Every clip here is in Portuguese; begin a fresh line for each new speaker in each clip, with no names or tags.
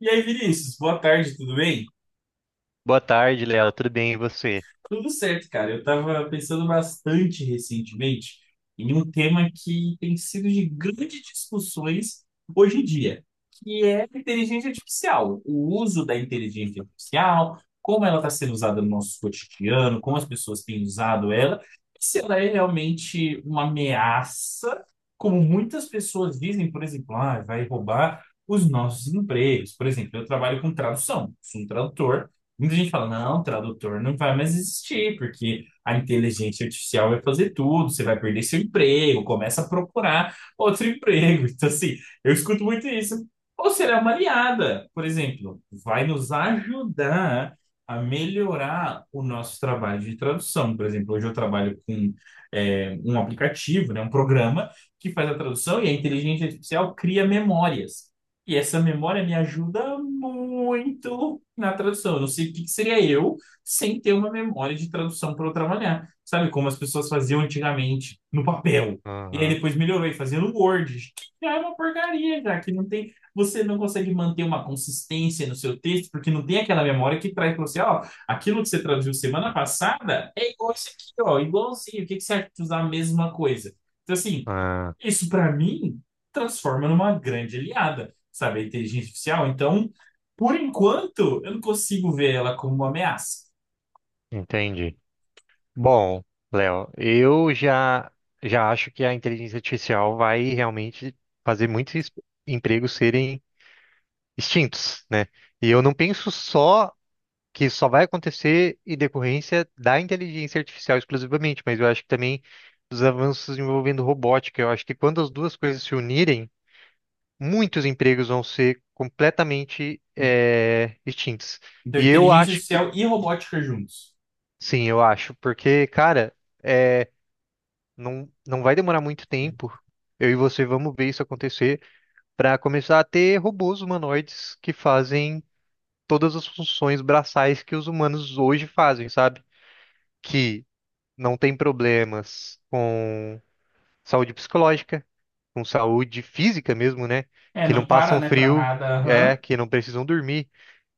E aí, Vinícius, boa tarde, tudo bem?
Boa tarde, Léo. Tudo bem e você?
Tudo certo, cara. Eu tava pensando bastante recentemente em um tema que tem sido de grandes discussões hoje em dia, que é a inteligência artificial, o uso da inteligência artificial, como ela está sendo usada no nosso cotidiano, como as pessoas têm usado ela, e se ela é realmente uma ameaça, como muitas pessoas dizem. Por exemplo, ah, vai roubar os nossos empregos. Por exemplo, eu trabalho com tradução, sou um tradutor. Muita gente fala, não, tradutor não vai mais existir, porque a inteligência artificial vai fazer tudo, você vai perder seu emprego, começa a procurar outro emprego. Então, assim, eu escuto muito isso. Ou será uma aliada, por exemplo, vai nos ajudar a melhorar o nosso trabalho de tradução. Por exemplo, hoje eu trabalho com um aplicativo, né, um programa que faz a tradução e a inteligência artificial cria memórias. E essa memória me ajuda muito na tradução. Eu não sei o que que seria eu sem ter uma memória de tradução para eu trabalhar. Sabe como as pessoas faziam antigamente no papel? E aí
Aham.
depois melhorou e fazendo no Word, que já é uma porcaria, já que não tem, você não consegue manter uma consistência no seu texto, porque não tem aquela memória que traz para você, ó, aquilo que você traduziu semana passada é igual isso aqui, ó, igualzinho. O que que você acha de usar a mesma coisa? Então assim,
Ah,
isso para mim transforma numa grande aliada, sabe, a inteligência artificial. Então, por enquanto, eu não consigo ver ela como uma ameaça.
entendi. Bom, Léo, eu já acho que a inteligência artificial vai realmente fazer muitos empregos serem extintos, né? E eu não penso só que isso só vai acontecer em decorrência da inteligência artificial exclusivamente, mas eu acho que também dos avanços envolvendo robótica. Eu acho que quando as duas coisas se unirem, muitos empregos vão ser completamente extintos.
Então,
E eu
inteligência
acho que
artificial e robótica juntos.
sim, eu acho, porque, cara, é, não, não vai demorar muito tempo. Eu e você vamos ver isso acontecer para começar a ter robôs humanoides que fazem todas as funções braçais que os humanos hoje fazem, sabe? Que não tem problemas com saúde psicológica, com saúde física mesmo, né?
É,
Que não
não para,
passam
né, para
frio,
nada. Aham.
que não precisam dormir.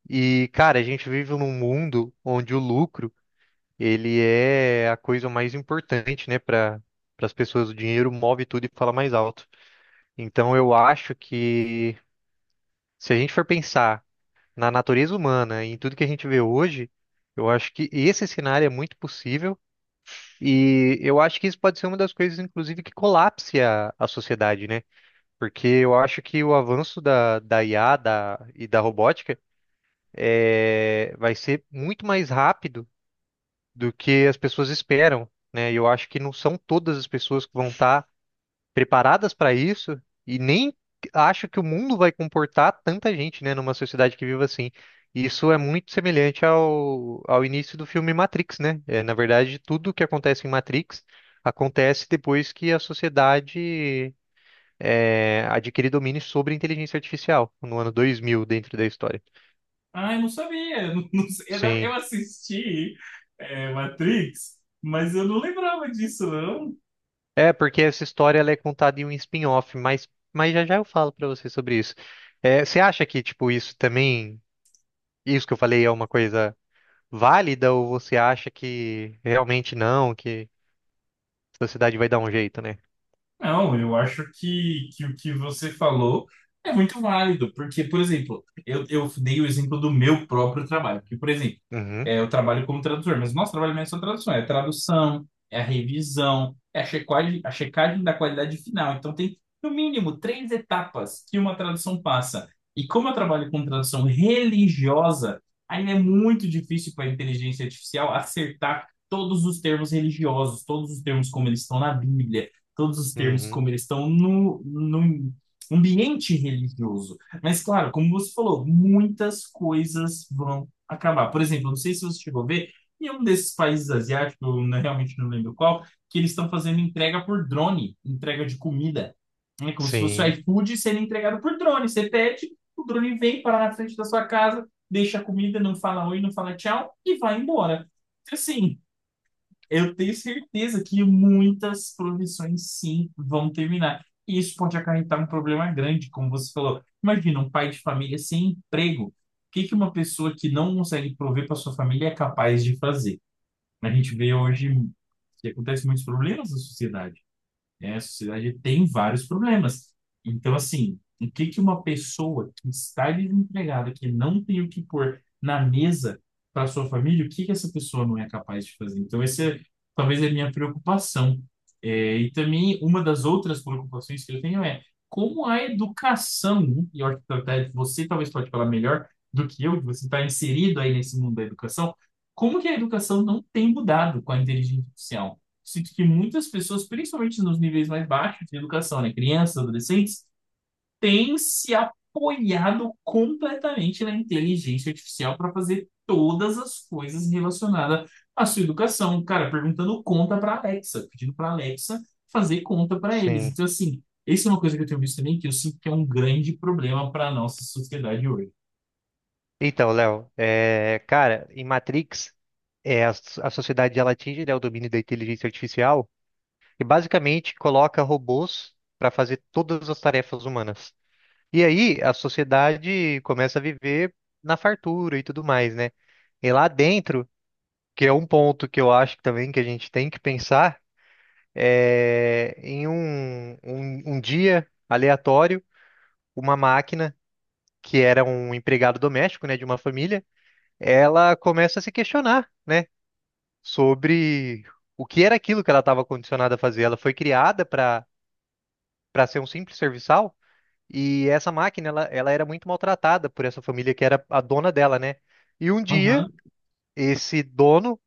E, cara, a gente vive num mundo onde o lucro ele é a coisa mais importante, né, para as pessoas. O dinheiro move tudo e fala mais alto. Então eu acho que se a gente for pensar na natureza humana e em tudo que a gente vê hoje, eu acho que esse cenário é muito possível e eu acho que isso pode ser uma das coisas, inclusive, que colapse a sociedade, né? Porque eu acho que o avanço da IA e da robótica vai ser muito mais rápido do que as pessoas esperam, né? E eu acho que não são todas as pessoas que vão estar preparadas para isso e nem acho que o mundo vai comportar tanta gente, né, numa sociedade que vive assim. E isso é muito semelhante ao início do filme Matrix, né? É, na verdade, tudo o que acontece em Matrix acontece depois que a sociedade adquire domínio sobre a inteligência artificial, no ano 2000, dentro da história.
Ah, eu não sabia. Não, não sei. Eu
Sim.
assisti Matrix, mas eu não lembrava disso, não.
É, porque essa história ela é contada em um spin-off, mas já eu falo pra você sobre isso. É, você acha que, tipo, isso também, isso que eu falei é uma coisa válida ou você acha que realmente não, que a sociedade vai dar um jeito, né?
Não, eu acho que o que você falou é muito válido, porque, por exemplo, eu dei o exemplo do meu próprio trabalho, porque, por exemplo,
Uhum,
eu trabalho como tradutor, mas o nosso trabalho não é só tradução, é a revisão, é a checagem da qualidade final. Então, tem, no mínimo, três etapas que uma tradução passa. E como eu trabalho com tradução religiosa, ainda é muito difícil para a inteligência artificial acertar todos os termos religiosos, todos os termos como eles estão na Bíblia, todos os termos
uhum,
como eles estão no ambiente religioso. Mas, claro, como você falou, muitas coisas vão acabar. Por exemplo, não sei se você chegou a ver, em um desses países asiáticos, eu não- realmente não lembro qual, que eles estão fazendo entrega por drone, entrega de comida. É como se fosse o
sim,
iFood sendo entregado por drone. Você pede, o drone vem, para na frente da sua casa, deixa a comida, não fala oi, não fala tchau e vai embora. Então, assim, eu tenho certeza que muitas profissões sim vão terminar. E isso pode acarretar um problema grande, como você falou. Imagina um pai de família sem emprego. O que que uma pessoa que não consegue prover para sua família é capaz de fazer? A gente vê hoje que acontece muitos problemas na sociedade, né? A sociedade tem vários problemas. Então, assim, o que que uma pessoa que está desempregada, que não tem o que pôr na mesa para sua família, o que que essa pessoa não é capaz de fazer? Então, talvez é a minha preocupação. É, e também uma das outras preocupações que eu tenho é como a educação, né? E eu acho que até você talvez pode falar melhor do que eu, que você está inserido aí nesse mundo da educação. Como que a educação não tem mudado com a inteligência artificial? Sinto que muitas pessoas, principalmente nos níveis mais baixos de educação, né, crianças, adolescentes, têm se apoiado completamente na inteligência artificial para fazer todas as coisas relacionadas à sua educação. Cara, perguntando conta para Alexa, pedindo para Alexa fazer conta para eles.
sim.
Então, assim, isso é uma coisa que eu tenho visto também que eu sinto que é um grande problema para a nossa sociedade hoje.
Então, Léo, cara, em Matrix, é, a, a sociedade ela atinge, né, o domínio da inteligência artificial e basicamente coloca robôs pra fazer todas as tarefas humanas. E aí a sociedade começa a viver na fartura e tudo mais, né? E lá dentro, que é um ponto que eu acho também que a gente tem que pensar, é em um dia aleatório, uma máquina que era um empregado doméstico, né, de uma família, ela começa a se questionar, né, sobre o que era aquilo que ela estava condicionada a fazer. Ela foi criada para ser um simples serviçal. E essa máquina, ela era muito maltratada por essa família que era a dona dela, né? E um dia,
Aham.
esse dono,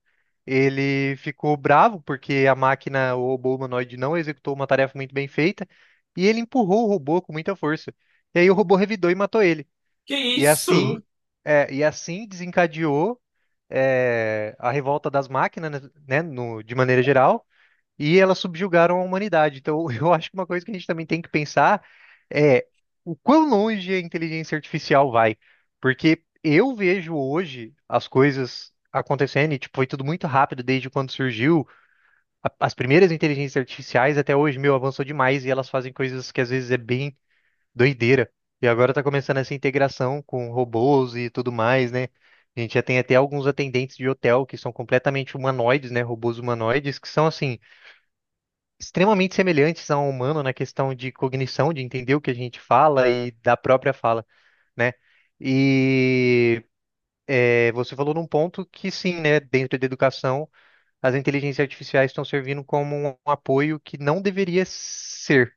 ele ficou bravo porque a máquina, o robô humanoide, não executou uma tarefa muito bem feita e ele empurrou o robô com muita força. E aí o robô revidou e matou ele.
Que
E
isso?
assim, e assim desencadeou, a revolta das máquinas, né, de maneira geral e elas subjugaram a humanidade. Então, eu acho que uma coisa que a gente também tem que pensar é o quão longe a inteligência artificial vai. Porque eu vejo hoje as coisas acontecendo e, tipo, foi tudo muito rápido desde quando surgiu as primeiras inteligências artificiais até hoje, meu, avançou demais e elas fazem coisas que às vezes é bem doideira. E agora tá começando essa integração com robôs e tudo mais, né? A gente já tem até alguns atendentes de hotel que são completamente humanoides, né? Robôs humanoides, que são assim extremamente semelhantes a um humano na questão de cognição, de entender o que a gente fala e da própria fala, né? E você falou num ponto que sim, né? Dentro da educação, as inteligências artificiais estão servindo como um apoio que não deveria ser,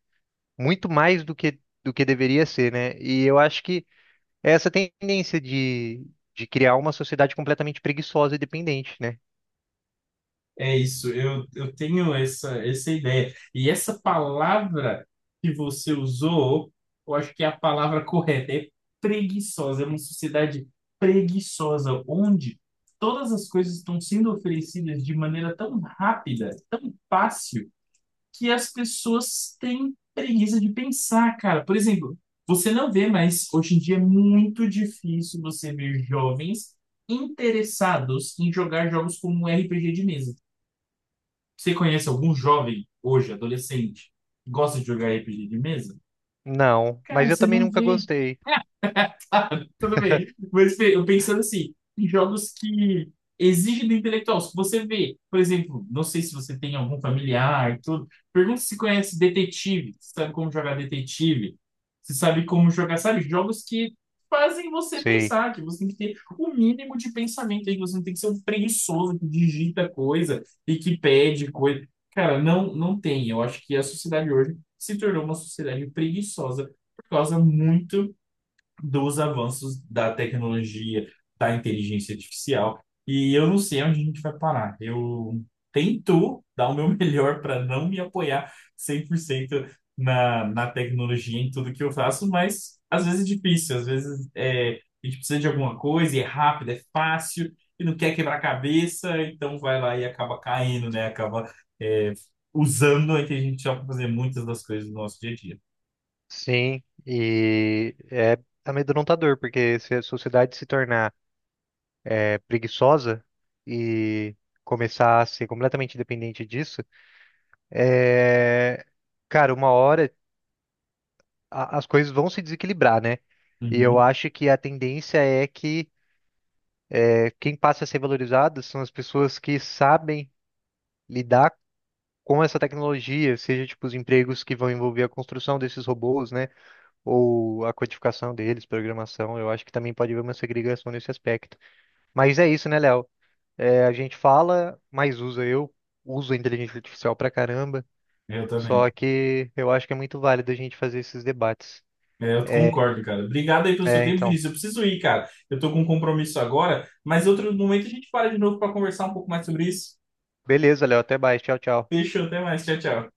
muito mais do que deveria ser, né? E eu acho que é essa tendência de criar uma sociedade completamente preguiçosa e dependente, né?
É isso, eu tenho essa ideia. E essa palavra que você usou, eu acho que é a palavra correta, é preguiçosa, é uma sociedade preguiçosa, onde todas as coisas estão sendo oferecidas de maneira tão rápida, tão fácil, que as pessoas têm preguiça de pensar, cara. Por exemplo, você não vê, mas hoje em dia é muito difícil você ver jovens interessados em jogar jogos como um RPG de mesa. Você conhece algum jovem hoje, adolescente, que gosta de jogar RPG de mesa?
Não,
Cara,
mas eu
você
também
não
nunca
vê.
gostei.
Tá, tudo bem. Mas Fê, eu pensando assim, em jogos que exigem do intelectual. Se você vê, por exemplo, não sei se você tem algum familiar, tudo, pergunta se conhece detetive, se sabe como jogar detetive, se sabe como jogar, sabe? Jogos que fazem você
Sei.
pensar, que você tem que ter o mínimo de pensamento aí, que você não tem que ser um preguiçoso que digita coisa e que pede coisa. Cara, não, não tem. Eu acho que a sociedade hoje se tornou uma sociedade preguiçosa por causa muito dos avanços da tecnologia, da inteligência artificial. E eu não sei onde a gente vai parar. Eu tento dar o meu melhor para não me apoiar 100% na tecnologia, em tudo que eu faço, mas às vezes é difícil, a gente precisa de alguma coisa e é rápido, é fácil e não quer quebrar a cabeça, então vai lá e acaba caindo, né? Acaba é, usando a inteligência artificial para fazer muitas das coisas do nosso dia a dia.
Sim, e é amedrontador, porque se a sociedade se tornar preguiçosa e começar a ser completamente dependente disso, é, cara, uma hora as coisas vão se desequilibrar, né? E eu
Uhum,
acho que a tendência é que quem passa a ser valorizado são as pessoas que sabem lidar com essa tecnologia, seja tipo os empregos que vão envolver a construção desses robôs, né? Ou a codificação deles, programação, eu acho que também pode haver uma segregação nesse aspecto. Mas é isso, né, Léo? É, a gente fala, mas usa. Eu uso a inteligência artificial pra caramba,
eu também.
só que eu acho que é muito válido a gente fazer esses debates.
É, eu
É,
concordo, cara. Obrigado aí pelo seu
é,
tempo,
então.
Vinícius. Eu preciso ir, cara. Eu tô com um compromisso agora, mas outro momento a gente para de novo para conversar um pouco mais sobre isso.
Beleza, Léo, até mais. Tchau, tchau.
Fechou, até mais. Tchau, tchau.